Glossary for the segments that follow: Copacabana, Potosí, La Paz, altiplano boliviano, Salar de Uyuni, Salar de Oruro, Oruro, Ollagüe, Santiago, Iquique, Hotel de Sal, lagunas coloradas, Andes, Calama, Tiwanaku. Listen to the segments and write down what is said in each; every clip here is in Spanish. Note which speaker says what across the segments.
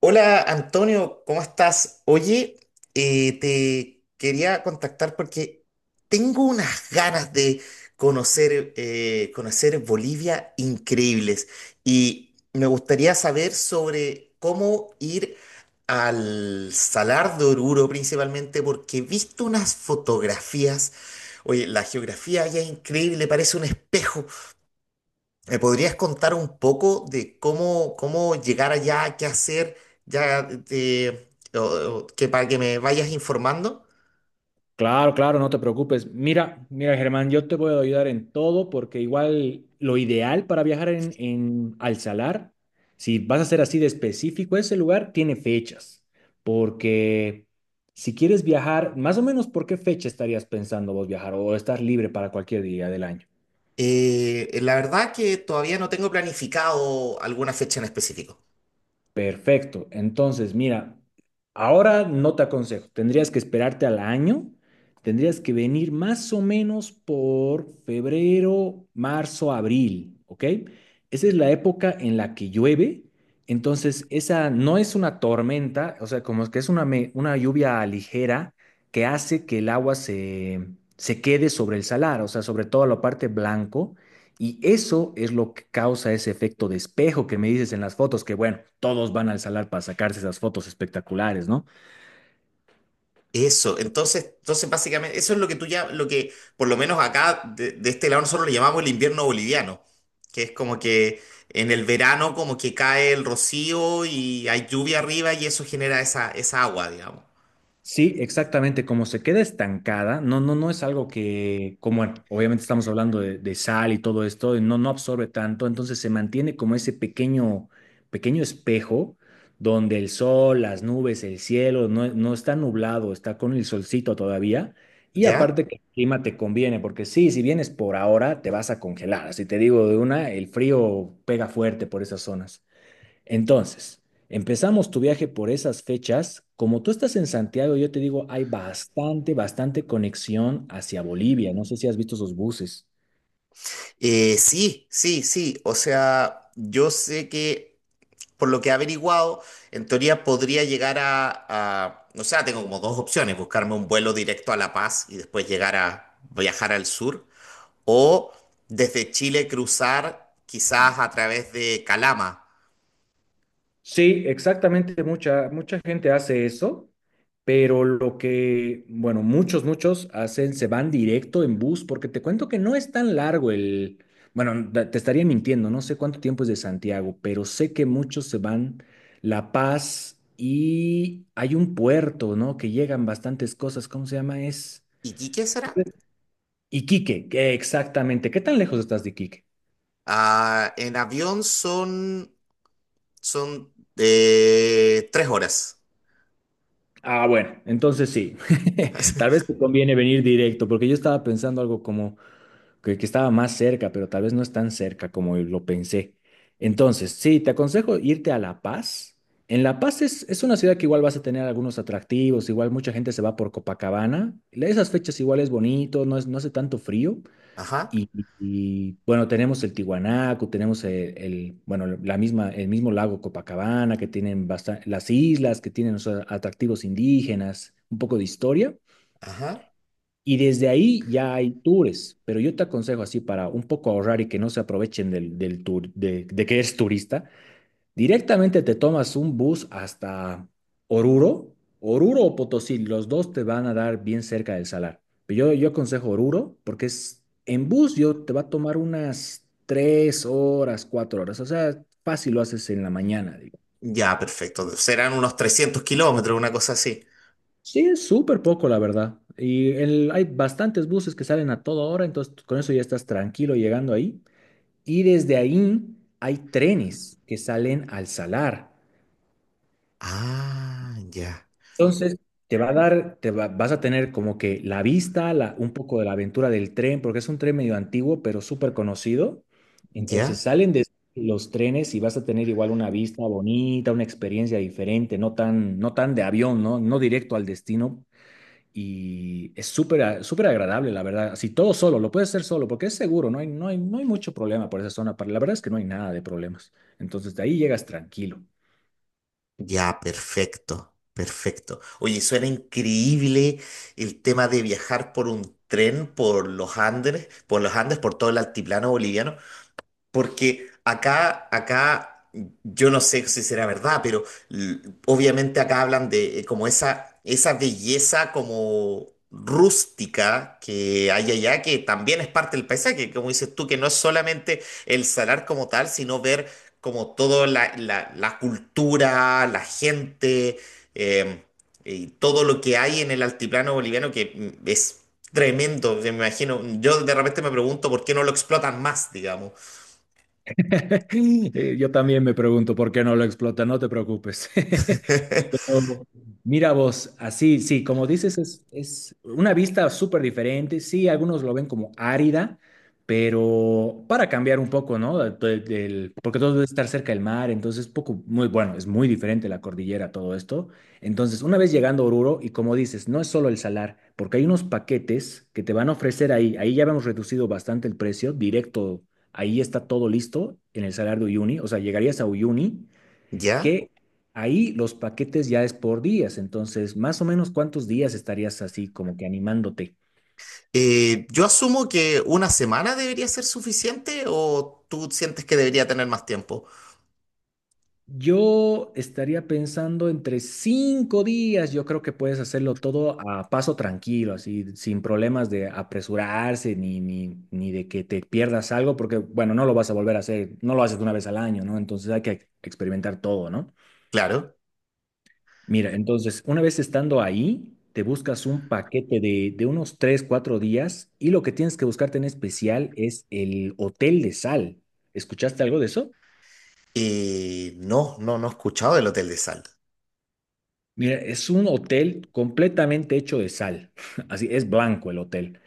Speaker 1: Hola Antonio, ¿cómo estás? Oye, te quería contactar porque tengo unas ganas de conocer Bolivia increíbles y me gustaría saber sobre cómo ir al Salar de Oruro principalmente porque he visto unas fotografías. Oye, la geografía allá es increíble, parece un espejo. ¿Me podrías contar un poco de cómo llegar allá, qué hacer, ya, o- o que para que me vayas informando?
Speaker 2: Claro, claro, no te preocupes. Mira, mira, Germán, yo te voy a ayudar en todo porque igual lo ideal para viajar en al Salar, si vas a ser así de específico, ese lugar tiene fechas. Porque si quieres viajar, más o menos, ¿por qué fecha estarías pensando vos viajar o estar libre para cualquier día del año?
Speaker 1: La verdad que todavía no tengo planificado alguna fecha en específico.
Speaker 2: Perfecto. Entonces, mira, ahora no te aconsejo. Tendrías que esperarte al año. Tendrías que venir más o menos por febrero, marzo, abril, ¿ok? Esa es la época en la que llueve. Entonces, esa no es una tormenta, o sea, como que es una, una lluvia ligera que hace que el se quede sobre el salar, o sea, sobre toda la parte blanco. Y eso es lo que causa ese efecto de espejo que me dices en las fotos, que bueno, todos van al salar para sacarse esas fotos espectaculares, ¿no?
Speaker 1: Eso, entonces básicamente eso es lo que tú ya, lo que por lo menos acá de este lado nosotros le llamamos el invierno boliviano, que es como que en el verano como que cae el rocío y hay lluvia arriba y eso genera esa agua, digamos.
Speaker 2: Sí, exactamente, como se queda estancada, no, no es algo que, como bueno, obviamente estamos hablando de sal y todo esto, y no, no absorbe tanto, entonces se mantiene como ese pequeño espejo donde el sol, las nubes, el cielo, no está nublado, está con el solcito todavía, y
Speaker 1: ¿Ya?
Speaker 2: aparte que el clima te conviene, porque sí, si vienes por ahora, te vas a congelar, así te digo de una, el frío pega fuerte por esas zonas. Entonces, empezamos tu viaje por esas fechas. Como tú estás en Santiago, yo te digo, hay bastante conexión hacia Bolivia. No sé si has visto esos buses.
Speaker 1: Sí, sí, sí. O sea, yo sé que por lo que he averiguado, en teoría podría llegar a, o sea, tengo como dos opciones, buscarme un vuelo directo a La Paz y después llegar a viajar al sur, o desde Chile cruzar quizás a través de Calama.
Speaker 2: Sí, exactamente, mucha gente hace eso, pero lo que, bueno, muchos hacen, se van directo en bus, porque te cuento que no es tan largo el, bueno, te estaría mintiendo, no sé cuánto tiempo es de Santiago, pero sé que muchos se van La Paz y hay un puerto, ¿no? Que llegan bastantes cosas, ¿cómo se llama? Es
Speaker 1: ¿Iquique será?
Speaker 2: Iquique, que exactamente. ¿Qué tan lejos estás de Iquique?
Speaker 1: Ah, en avión son 3 horas.
Speaker 2: Ah, bueno, entonces sí. Tal vez te conviene venir directo, porque yo estaba pensando algo como que estaba más cerca, pero tal vez no es tan cerca como lo pensé. Entonces, sí, te aconsejo irte a La Paz. En La Paz es una ciudad que igual vas a tener algunos atractivos, igual mucha gente se va por Copacabana. Esas fechas igual es bonito, no, es, no hace tanto frío.
Speaker 1: Ajá,
Speaker 2: Bueno, tenemos el Tiwanaku, tenemos bueno, la misma, el mismo lago Copacabana, que tienen las islas, que tienen o sea, atractivos indígenas, un poco de historia.
Speaker 1: ajá.
Speaker 2: Y desde ahí ya hay tours, pero yo te aconsejo así para un poco ahorrar y que no se aprovechen del tour, de que eres turista, directamente te tomas un bus hasta Oruro, Oruro o Potosí, los dos te van a dar bien cerca del salar. Pero yo aconsejo Oruro porque es en bus yo te va a tomar unas tres horas, cuatro horas, o sea, fácil lo haces en la mañana, digo.
Speaker 1: Ya, perfecto. Serán unos 300 kilómetros, una cosa así.
Speaker 2: Sí, es súper poco, la verdad. Y hay bastantes buses que salen a toda hora, entonces con eso ya estás tranquilo llegando ahí. Y desde ahí hay trenes que salen al salar.
Speaker 1: Ah, ya,
Speaker 2: Entonces, te va a dar, te va- vas a tener como que la vista, un poco de la aventura del tren, porque es un tren medio antiguo, pero súper conocido. Entonces,
Speaker 1: ya,
Speaker 2: salen de los trenes y vas a tener igual una vista bonita, una experiencia diferente, no tan, no tan de avión, ¿no? No directo al destino, y es súper agradable, la verdad. Así todo solo, lo puedes hacer solo porque es seguro, no hay mucho problema por esa zona. La verdad es que no hay nada de problemas. Entonces de ahí llegas tranquilo.
Speaker 1: ya, perfecto, perfecto. Oye, suena increíble el tema de viajar por un tren por los Andes, por todo el altiplano boliviano. Porque yo no sé si será verdad, pero l- obviamente acá hablan de como esa belleza como rústica que hay allá, que también es parte del paisaje, como dices tú, que no es solamente el salar como tal, sino ver como toda la cultura, la gente, eh, y todo lo que hay en el altiplano boliviano, que es tremendo, me imagino. Yo de repente me pregunto por qué no lo explotan más, digamos.
Speaker 2: Yo también me pregunto por qué no lo explota, no te preocupes. Mira vos, así, sí, como dices, es una vista súper diferente. Sí, algunos lo ven como árida, pero para cambiar un poco, ¿no? Porque todo debe estar cerca del mar, entonces poco, muy bueno, es muy diferente la cordillera, todo esto. Entonces, una vez llegando a Oruro, y como dices, no es solo el salar, porque hay unos paquetes que te van a ofrecer ahí. Ahí ya hemos reducido bastante el precio, directo, ahí está todo listo en el salar de Uyuni, o sea, llegarías a Uyuni
Speaker 1: ¿Ya?
Speaker 2: que ahí los paquetes ya es por días, entonces más o menos cuántos días estarías así como que animándote.
Speaker 1: Yo asumo que una semana debería ser suficiente o tú sientes que debería tener más tiempo.
Speaker 2: Yo estaría pensando entre cinco días, yo creo que puedes hacerlo todo a paso tranquilo, así, sin problemas de apresurarse ni de que te pierdas algo, porque bueno, no lo vas a volver a hacer, no lo haces una vez al año, ¿no? Entonces hay que experimentar todo, ¿no?
Speaker 1: Claro.
Speaker 2: Mira, entonces, una vez estando ahí, te buscas un paquete de unos 3 4 días y lo que tienes que buscarte en especial es el Hotel de Sal. ¿Escuchaste algo de eso?
Speaker 1: No, no, no he escuchado del hotel de sal.
Speaker 2: Mira, es un hotel completamente hecho de sal. Así es blanco el hotel.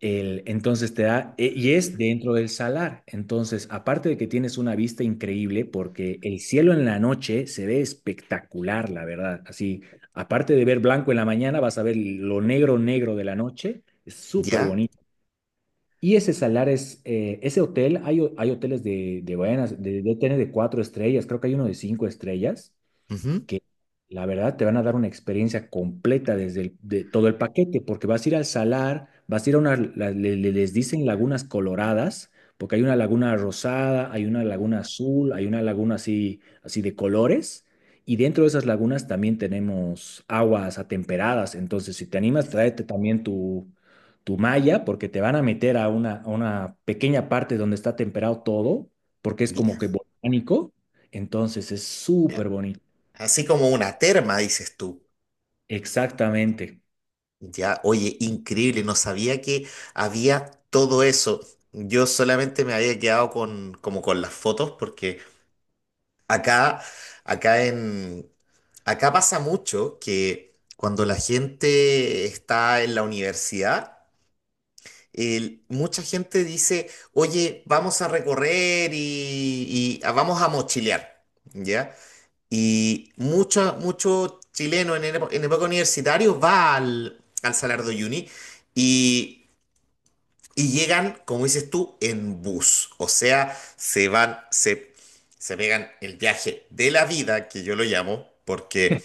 Speaker 2: Entonces y es dentro del salar. Entonces, aparte de que tienes una vista increíble, porque el cielo en la noche se ve espectacular, la verdad. Así, aparte de ver blanco en la mañana, vas a ver lo negro, negro de la noche. Es súper
Speaker 1: ¿Ya?
Speaker 2: bonito. Y ese salar es, ese hotel, hay hoteles de hoteles de cuatro estrellas, creo que hay uno de cinco estrellas
Speaker 1: Ujú.
Speaker 2: que la verdad te van a dar una experiencia completa desde de todo el paquete, porque vas a ir al salar, vas a ir a una, les dicen lagunas coloradas, porque hay una laguna rosada, hay una laguna azul, hay una laguna así, así de colores, y dentro de esas lagunas también tenemos aguas atemperadas, entonces si te animas, tráete también tu... tu malla, porque te van a meter a una pequeña parte donde está temperado todo, porque es
Speaker 1: Ya,
Speaker 2: como que volcánico, entonces es súper
Speaker 1: ya.
Speaker 2: bonito.
Speaker 1: Así como una terma, dices tú.
Speaker 2: Exactamente,
Speaker 1: Ya, oye, increíble, no sabía que había todo eso. Yo solamente me había quedado con, como con las fotos porque Acá, acá en, acá pasa mucho que cuando la gente está en la universidad, mucha gente dice, oye, vamos a recorrer y vamos a mochilear, ¿ya? Y mucho, mucho chileno en época universitaria va al Salar de Uyuni y y llegan, como dices tú, en bus. O sea, se van, se pegan el viaje de la vida, que yo lo llamo, porque,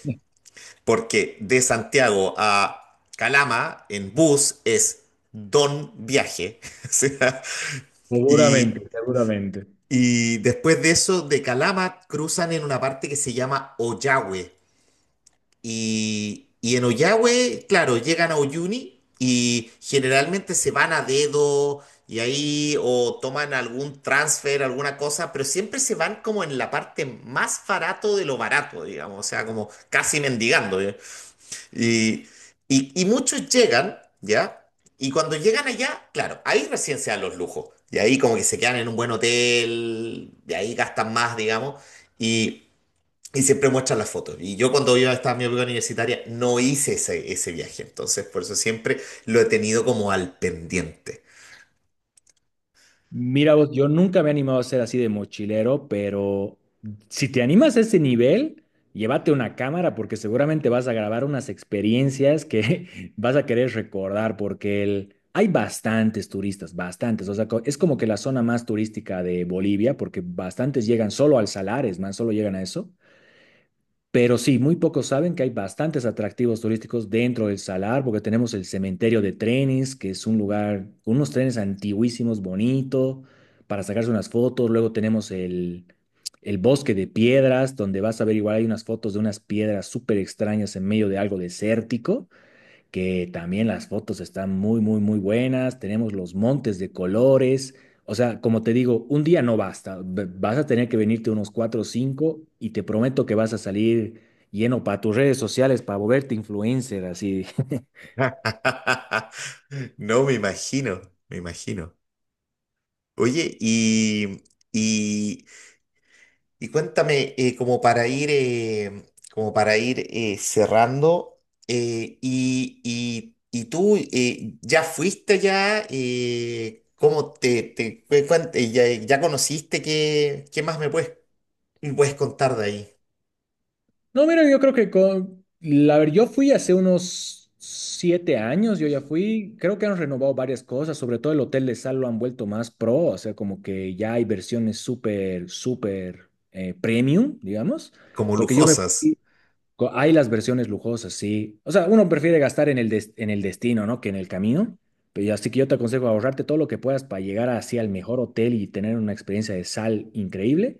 Speaker 1: porque de Santiago a Calama en bus es don viaje. O sea, y,
Speaker 2: seguramente, seguramente.
Speaker 1: y después de eso, de Calama cruzan en una parte que se llama Ollagüe. Y en Ollagüe, claro, llegan a Uyuni y generalmente se van a dedo y ahí o toman algún transfer, alguna cosa, pero siempre se van como en la parte más barato de lo barato, digamos, o sea, como casi mendigando. ¿Ya? Y, y muchos llegan, ¿ya? Y cuando llegan allá, claro, ahí recién se dan los lujos. Y ahí como que se quedan en un buen hotel, y ahí gastan más, digamos. Y, y siempre muestran las fotos. Y yo cuando yo estaba en mi época universitaria no hice ese viaje. Entonces, por eso siempre lo he tenido como al pendiente.
Speaker 2: Mira vos, yo nunca me he animado a ser así de mochilero, pero si te animas a ese nivel, llévate una cámara porque seguramente vas a grabar unas experiencias que vas a querer recordar porque el... hay bastantes turistas, bastantes. O sea, es como que la zona más turística de Bolivia porque bastantes llegan solo al Salares, man, solo llegan a eso. Pero sí, muy pocos saben que hay bastantes atractivos turísticos dentro del Salar, porque tenemos el cementerio de trenes, que es un lugar con unos trenes antiguísimos, bonito, para sacarse unas fotos. Luego tenemos el bosque de piedras, donde vas a ver igual hay unas fotos de unas piedras súper extrañas en medio de algo desértico que también las fotos están muy buenas, tenemos los montes de colores. O sea, como te digo, un día no basta, vas a tener que venirte unos cuatro o cinco y te prometo que vas a salir lleno para tus redes sociales, para volverte influencer, así.
Speaker 1: No, me imagino, me imagino. Oye, y, y cuéntame, como para ir cerrando, y tú ya fuiste ya, ¿cómo ya conociste? ¿Qué más me puedes contar de ahí,
Speaker 2: No, mira, yo creo que con... La ver, yo fui hace unos siete años, yo ya fui, creo que han renovado varias cosas, sobre todo el hotel de sal lo han vuelto más pro, o sea, como que ya hay versiones súper premium, digamos,
Speaker 1: como
Speaker 2: porque yo me...
Speaker 1: lujosas.
Speaker 2: fui co- Hay las versiones lujosas, sí. O sea, uno prefiere gastar en en el destino, ¿no? Que en el camino. Pero así que yo te aconsejo ahorrarte todo lo que puedas para llegar así al mejor hotel y tener una experiencia de sal increíble.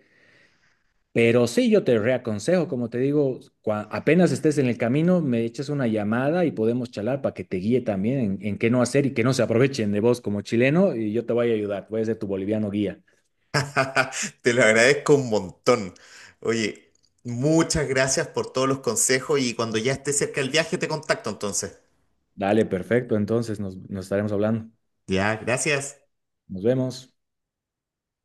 Speaker 2: Pero sí, yo te reaconsejo, como te digo, apenas estés en el camino, me echas una llamada y podemos charlar para que te guíe también en qué no hacer y que no se aprovechen de vos como chileno y yo te voy a ayudar, voy a ser tu boliviano guía.
Speaker 1: Te lo agradezco un montón. Oye, muchas gracias por todos los consejos y cuando ya esté cerca el viaje te contacto entonces.
Speaker 2: Dale, perfecto, entonces nos estaremos hablando.
Speaker 1: Ya, gracias.
Speaker 2: Nos vemos.